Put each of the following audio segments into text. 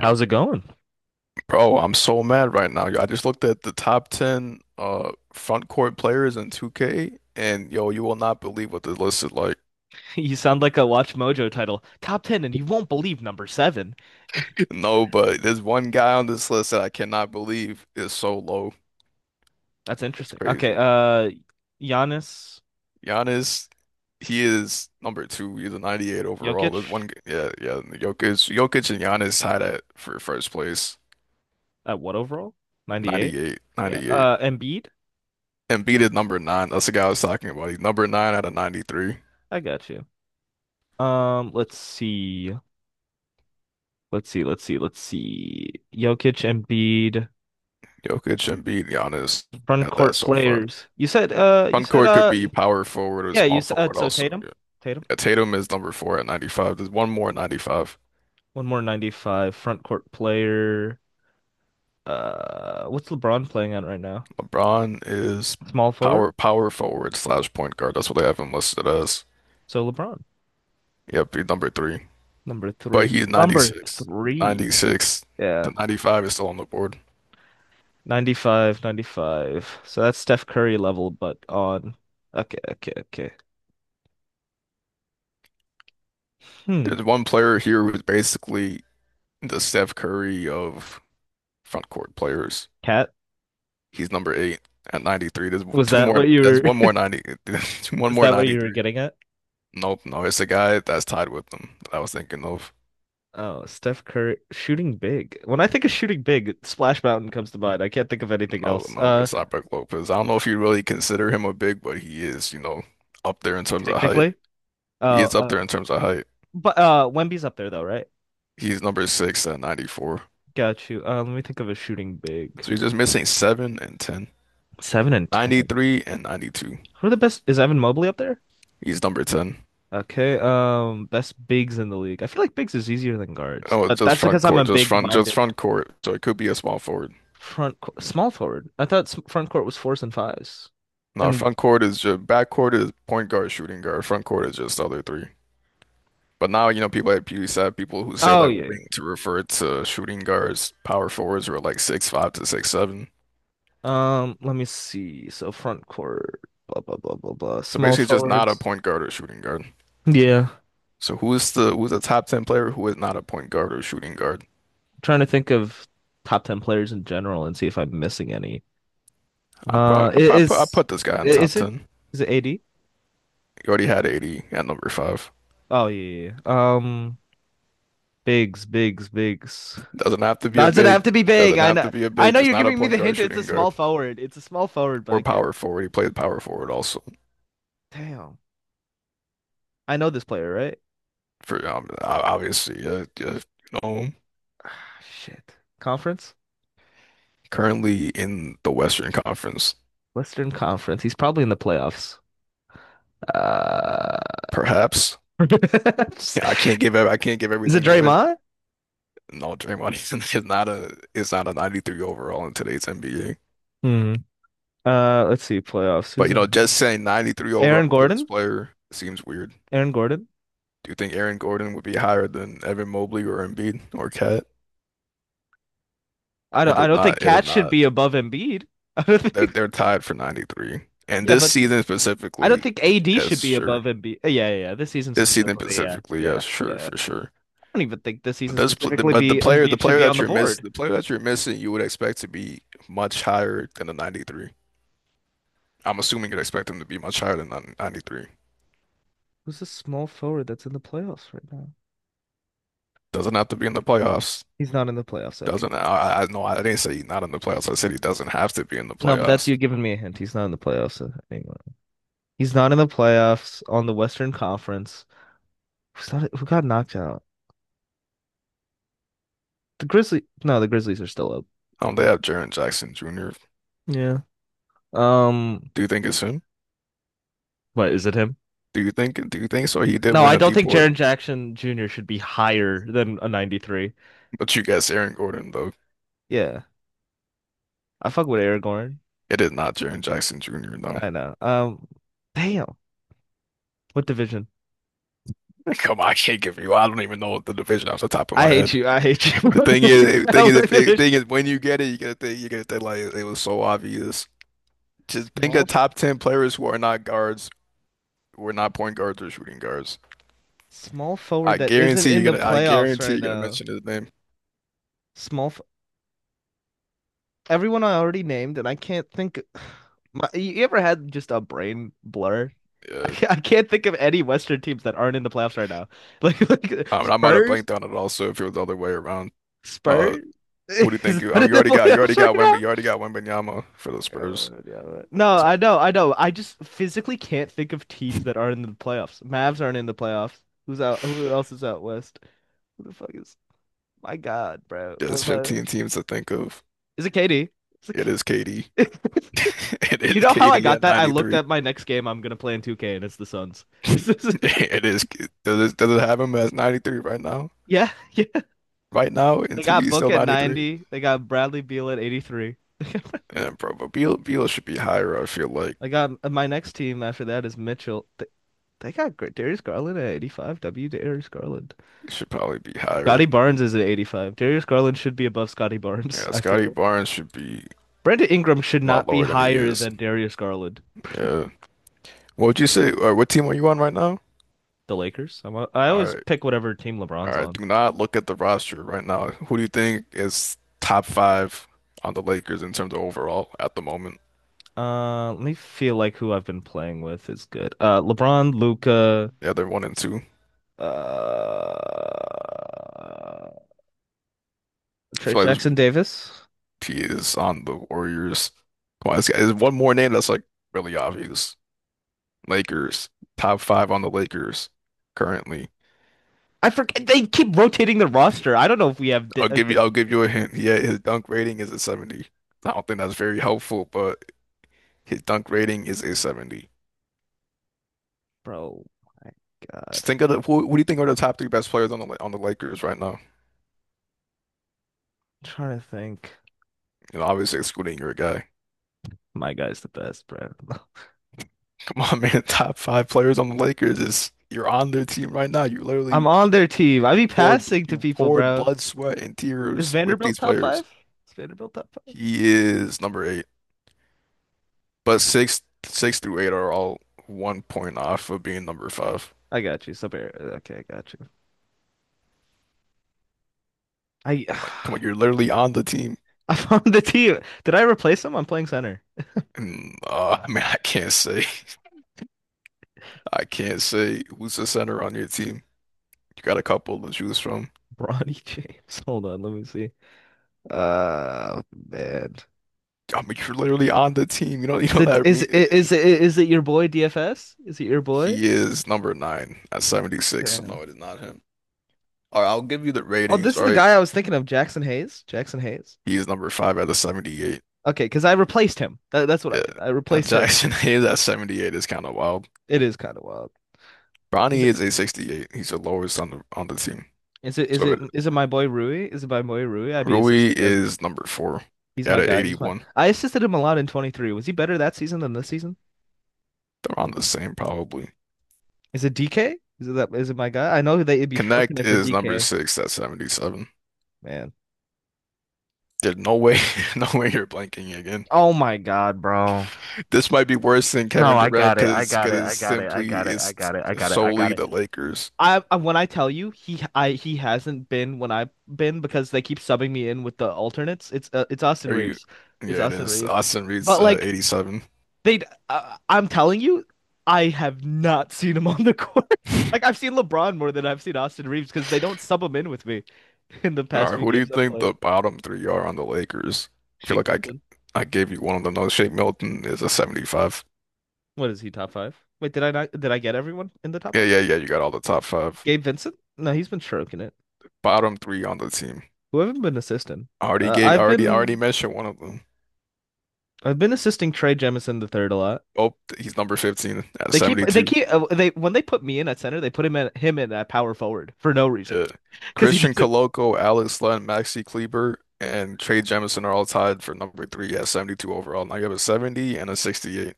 How's it going? Bro, I'm so mad right now. I just looked at the top 10 front court players in 2K and yo, you will not believe what the list is like. You sound like a Watch Mojo title. Top 10 and you won't believe number 7. No, but there's one guy on this list that I cannot believe is so low. That's It's interesting. Okay, crazy. Giannis Giannis, he is number two. He's a 98 overall. There's Jokic yeah, yeah, Jokic and Giannis tied at for first place. at what overall? 98? 98, Yeah. 98. Embiid? Embiid is number nine. That's the guy I was talking about. He's number nine out of 93. I got you. Let's see. Let's see. Let's see. Let's see. Jokic, Embiid, Jokic, Embiid, Giannis. You front got that court so far. players. You said Concord could be power forward or yeah, you small said forward so also. Tatum. Yeah. Tatum. Yeah, Tatum is number four at 95. There's one more at 95. One more 95 front court player. What's LeBron playing at right now? LeBron is Small forward. power forward slash point guard. That's what they have him listed as. So LeBron, Yep, he's number three. number But three. he's Number 96. three. 96 Yeah. to 95 is still on the board. 95, 95. So that's Steph Curry level, but on. Okay, okay, okay. Hmm. There's one player here who's basically the Steph Curry of front court players. Cat, He's number eight at 93. There's was two that more. what you There's one were more 90. One was more that what you were 93. getting at? Nope, no, it's the guy that's tied with them that I was thinking of. Oh, Steph Curry shooting big. When I think of shooting big, Splash Mountain comes to mind. I can't think of anything No, else. no, it's not Brook Lopez. I don't know if you really consider him a big, but he is up there in terms of height. Technically. He Oh, is up there in terms of height. but Wemby's up there though, right? He's number six at 94. Got you. Let me think of a shooting big. So he's just missing seven and 10. Seven and 10. 93 and 92. Who are the best? Is Evan Mobley up there? He's number 10. Okay, best bigs in the league. I feel like bigs is easier than guards, Oh, but that's because I'm a just big-minded front court. So it could be a small forward. front co small forward. I thought front court was fours and fives, No, and front court is just back court is point guard, shooting guard. Front court is just the other three. But now, people at PewDiePie, people who say oh like yeah. wing Yeah. to refer to shooting guards, power forwards who are like 6'5" to 6'7". Let me see. So front court, blah blah blah blah blah. So Small basically just not a forwards. point guard or shooting guard. Yeah, So who's the top 10 player who is not a point guard or shooting guard? trying to think of top 10 players in general and see if I'm missing any. I Uh, probably i- I prob- put I is put this guy i- in top is it ten. is it AD? He already had 80 at number five. Oh yeah, yeah. Yeah. Bigs, bigs, bigs. Doesn't have to be a Doesn't big, have to be big. doesn't I have know. to be a I big, know just you're not a giving me point the guard, hint. It's a shooting small guard, forward. It's a small forward, but or I can't. power forward. He played power forward also Damn. I know this player, right? for obviously, you know, Shit. Conference? currently in the Western Conference. Western Conference. He's probably in the playoffs. Uh, Perhaps. is Yeah, I can't give it everything away. Draymond? No, Draymond Green is not a 93 overall in today's NBA. Hmm. Let's see. Playoffs. But Who's in? just saying 93 overall Aaron for this Gordon? player seems weird. Aaron Gordon? Do you think Aaron Gordon would be higher than Evan Mobley or Embiid or Cat? I don't. It I is don't think not. It is Cat should not. be above Embiid. I don't They're think. they're tied for 93. And Yeah, this but season I don't specifically, think AD should yes, be sure. above Embiid. Yeah, yeah, yeah. This season This season specifically. Yeah, specifically, yeah, yes, sure, yeah. for sure. Don't even think this But season this, pl- specifically but the be player, Embiid should be on the board. the player that you're missing, you would expect to be much higher than a 93. I'm assuming you'd expect him to be much higher than 93. Who's the small forward that's in the playoffs right now? Doesn't have to be in the playoffs. He's not in the playoffs. Okay. Doesn't I no, I didn't say he's not in the playoffs. I said he doesn't have to be in the No, but that's playoffs. you giving me a hint. He's not in the playoffs anymore. He's not in the playoffs on the Western Conference. Who's not, who got knocked out? The Grizzlies. No, the Grizzlies are still up. They have Jaren Jackson Jr. Yeah. Um. Do you think it's him? What is it? Him? Do you think so? He did No, win I a don't think DPOY, Jaren Jackson Jr. should be higher than a 93. but you guess Aaron Gordon though. Yeah. I fuck with Aragorn. It is not Jaren Jackson Jr. No, I know. Damn. What division? come on, I can't give you. I don't even know the division off the top of I my hate head. you. I hate you. The thing is, the thing is, Tyler if the English. thing is, when you get it, you get to think like it was so obvious. Just think Small, of top 10 players who are not guards. We're not point guards or shooting guards. small forward I that isn't guarantee in you're the gonna. I playoffs guarantee right you're gonna now. mention his name. Small, f- everyone I already named, and I can't think. You ever had just a brain blur? I Yeah. can't, I can't think of any Western teams that aren't in the playoffs right now. Like I mean, I might have Spurs, blanked on it also if it was the other way around. Uh, Spurs who do you think is you? I not mean, in the You already playoffs right got now. Wemby. You already got Wembanyama for the Yeah, Spurs. well, yeah, well. No, So I know. I just physically can't think of teams that aren't in the playoffs. Mavs aren't in the playoffs. Who's out? Who else is out west? Who the fuck is? My God, bro. yeah, What there's am I? 15 teams to think of. Is it KD? It's it. It is KD. It You is know how I KD got at that? I looked 93. at my next game I'm gonna play in 2K and it's the Suns. It's the- It is. does it, have him as 93 right now? Yeah, yeah. Right now, in They two, got he's Book still at 93. 90. They got Bradley Beal at 83. And bro, but Beal should be higher. I feel like I got my next team after that is Mitchell. They got Darius Garland at 85. W Darius Garland. he should probably be Scotty higher. Barnes is at 85. Darius Garland should be above Scotty Barnes, Yeah, I feel Scotty it. Barnes should be Brandon Ingram should a lot not be lower than he higher is. than Darius Garland. Yeah. What would you say? What team are you on right now? The Lakers. I All always right. pick whatever team All LeBron's right. on. Do not look at the roster right now. Who do you think is top five on the Lakers in terms of overall at the moment? Let me feel like who I've been playing with is good. LeBron, Luca, Yeah, they're one and two. uh, I Trey feel like this Jackson Davis. P is on the Warriors. Come on, there's one more name that's like really obvious. Lakers. Top five on the Lakers currently. I forget they keep rotating the roster. I don't know if we have I'll give you I'll give you a hint. Yeah, his dunk rating is a 70. I don't think that's very helpful, but his dunk rating is a 70. bro. My Just God, think of the, who do you think are the top three best players on the Lakers right now? I'm trying to think. Obviously, excluding your guy. My guy's the best, bro. Come on, man. Top five players on the Lakers is you're on their team right now. You I'm literally on their team. I you be poured bl- passing to you people, poured bro. blood, sweat, and Is tears with Vanderbilt these top players. five? Is Vanderbilt top five? He is number eight, but six through eight are all one point off of being number five. I got you. So, okay, I got you. I Come on, come on. You're literally on the team, I found the team. Did I replace him? I'm playing center. and I mean, I can't say who's the center on your team. You got a couple to choose from. Bronny James. Hold on, let me see. Uh, man. I mean, you're literally on the team. You know, you Is know it that I is mean? it is it is it your boy DFS? Is it your boy? He is number nine at 76. So Damn. no, it is not him. All right, I'll give you the Oh, ratings. this All is the right, guy I was thinking of, Jackson Hayes. Jackson Hayes. he is number five at the 78. Okay, because I replaced him. That's what I Yeah, did. I that replaced him. Jackson Hayes at 78 is kind of wild. It is kind of wild. Bronny Is it is a 68. He's the lowest on the team. is it is So it it, is it my boy Rui? Is it my boy Rui? I'd be Rui assisting him. is number four He's at my an guy. He's my. 81. I assisted him a lot in 23. Was he better that season than this season? They're on the same probably. Is it DK? Is it that? Is it my guy? I know that it'd be stroking Connect it for is number DK. six at 77. Man. There's no way, no way you're blanking again. Oh my God, bro. This might be worse than No, Kevin I Durant got it. I because got because it. I it's got it. I simply got it. I it's got it. I got it. I got solely it. the Lakers. I when I tell you he hasn't been when I've been because they keep subbing me in with the alternates. It's Austin Are you? Reeves. It's Yeah, it Austin is. Reeves. Austin Reed's But like 87. they, I'm telling you, I have not seen him on the court. All Like I've seen LeBron more than I've seen Austin Reeves because they don't sub him in with me in the past right, few who do you games I've think the played. bottom three are on the Lakers? I feel Shake like I, g- Milton. I gave you one of them. No, Shake Milton is a 75. What is he, top five? Wait, did I not did I get everyone in the top Yeah, five? yeah, yeah. You got all the top five. Gabe Vincent? No, he's been stroking it. Bottom three on the team. Who haven't been assisting? I already Uh, gave. I I've already I already been mentioned one of them. I've been assisting Trey Jemison the third a lot. Oh, he's number 15 at They keep they 72. keep uh, they when they put me in at center, they put him at him in at power forward for no reason Yeah. because he Christian doesn't. Coloco, Alex Len, Maxi Kleber, and Trey Jemison are all tied for number three at 72 overall. And I give a 70 and a 68.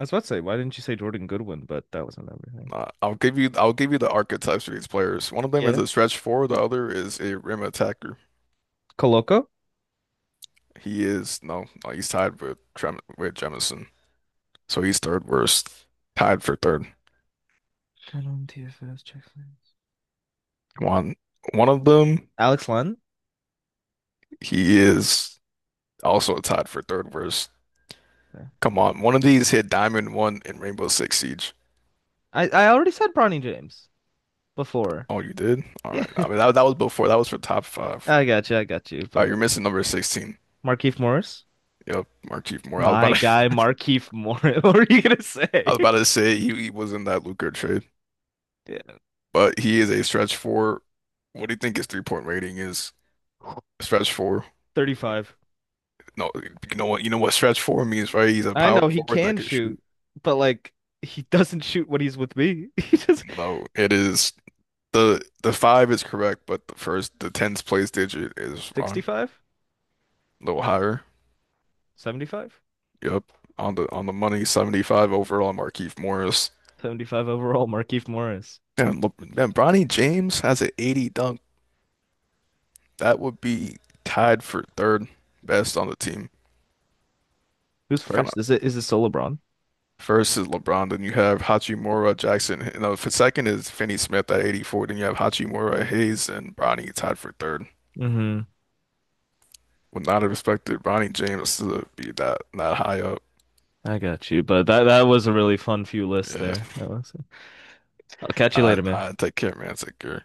I was about to say, why didn't you say Jordan Goodwin? But that wasn't everything. I'll give you the archetypes for these players. One of them is Yeah, a stretch four, the other is a rim attacker. Koloko. He is No, no, he's tied with Jemison. So he's third worst, tied for third. TFS, One one of them, Alex Len. he is also tied for third worst. Yeah. Come on, one of these hit Diamond One in Rainbow Six Siege. I already said Bronny James before. Oh, you did? All Yeah, right. I mean, that was before. That was for top five. I got you. I got you. Uh, But you're like, missing number 16. Markeith Morris. Yep, Markieff Moore. I was My about guy, to, Markieff Morris. What were you gonna I say? was about to say he was in that Luka trade, Yeah, but he is a stretch four. What do you think his 3-point rating is? Stretch four. What- 35. No, you know what? You know what stretch four means, right? He's a I power know he forward that can can shoot, shoot. but like he doesn't shoot when he's with me. He just No, it is the five is correct, but the tens place digit is wrong. 65, A little higher. 75, Yep, on the money. 75 overall. Markieff Morris. 75 overall, Markieff Morris. And Le man, Bronny James has an 80 dunk. That would be tied for third best on the team. Who's Kind of first? Is it still LeBron? first is LeBron, then you have Hachimura, Jackson. For second is Finney Smith at 84. Then you have Hachimura, Hayes, and Bronny tied for third. Mm-hmm. Would not have expected Bronny James to be that high up. I got you, but that was a really fun few lists Yeah, there. That was. I'll catch you I later, man. I take care, man. Take care.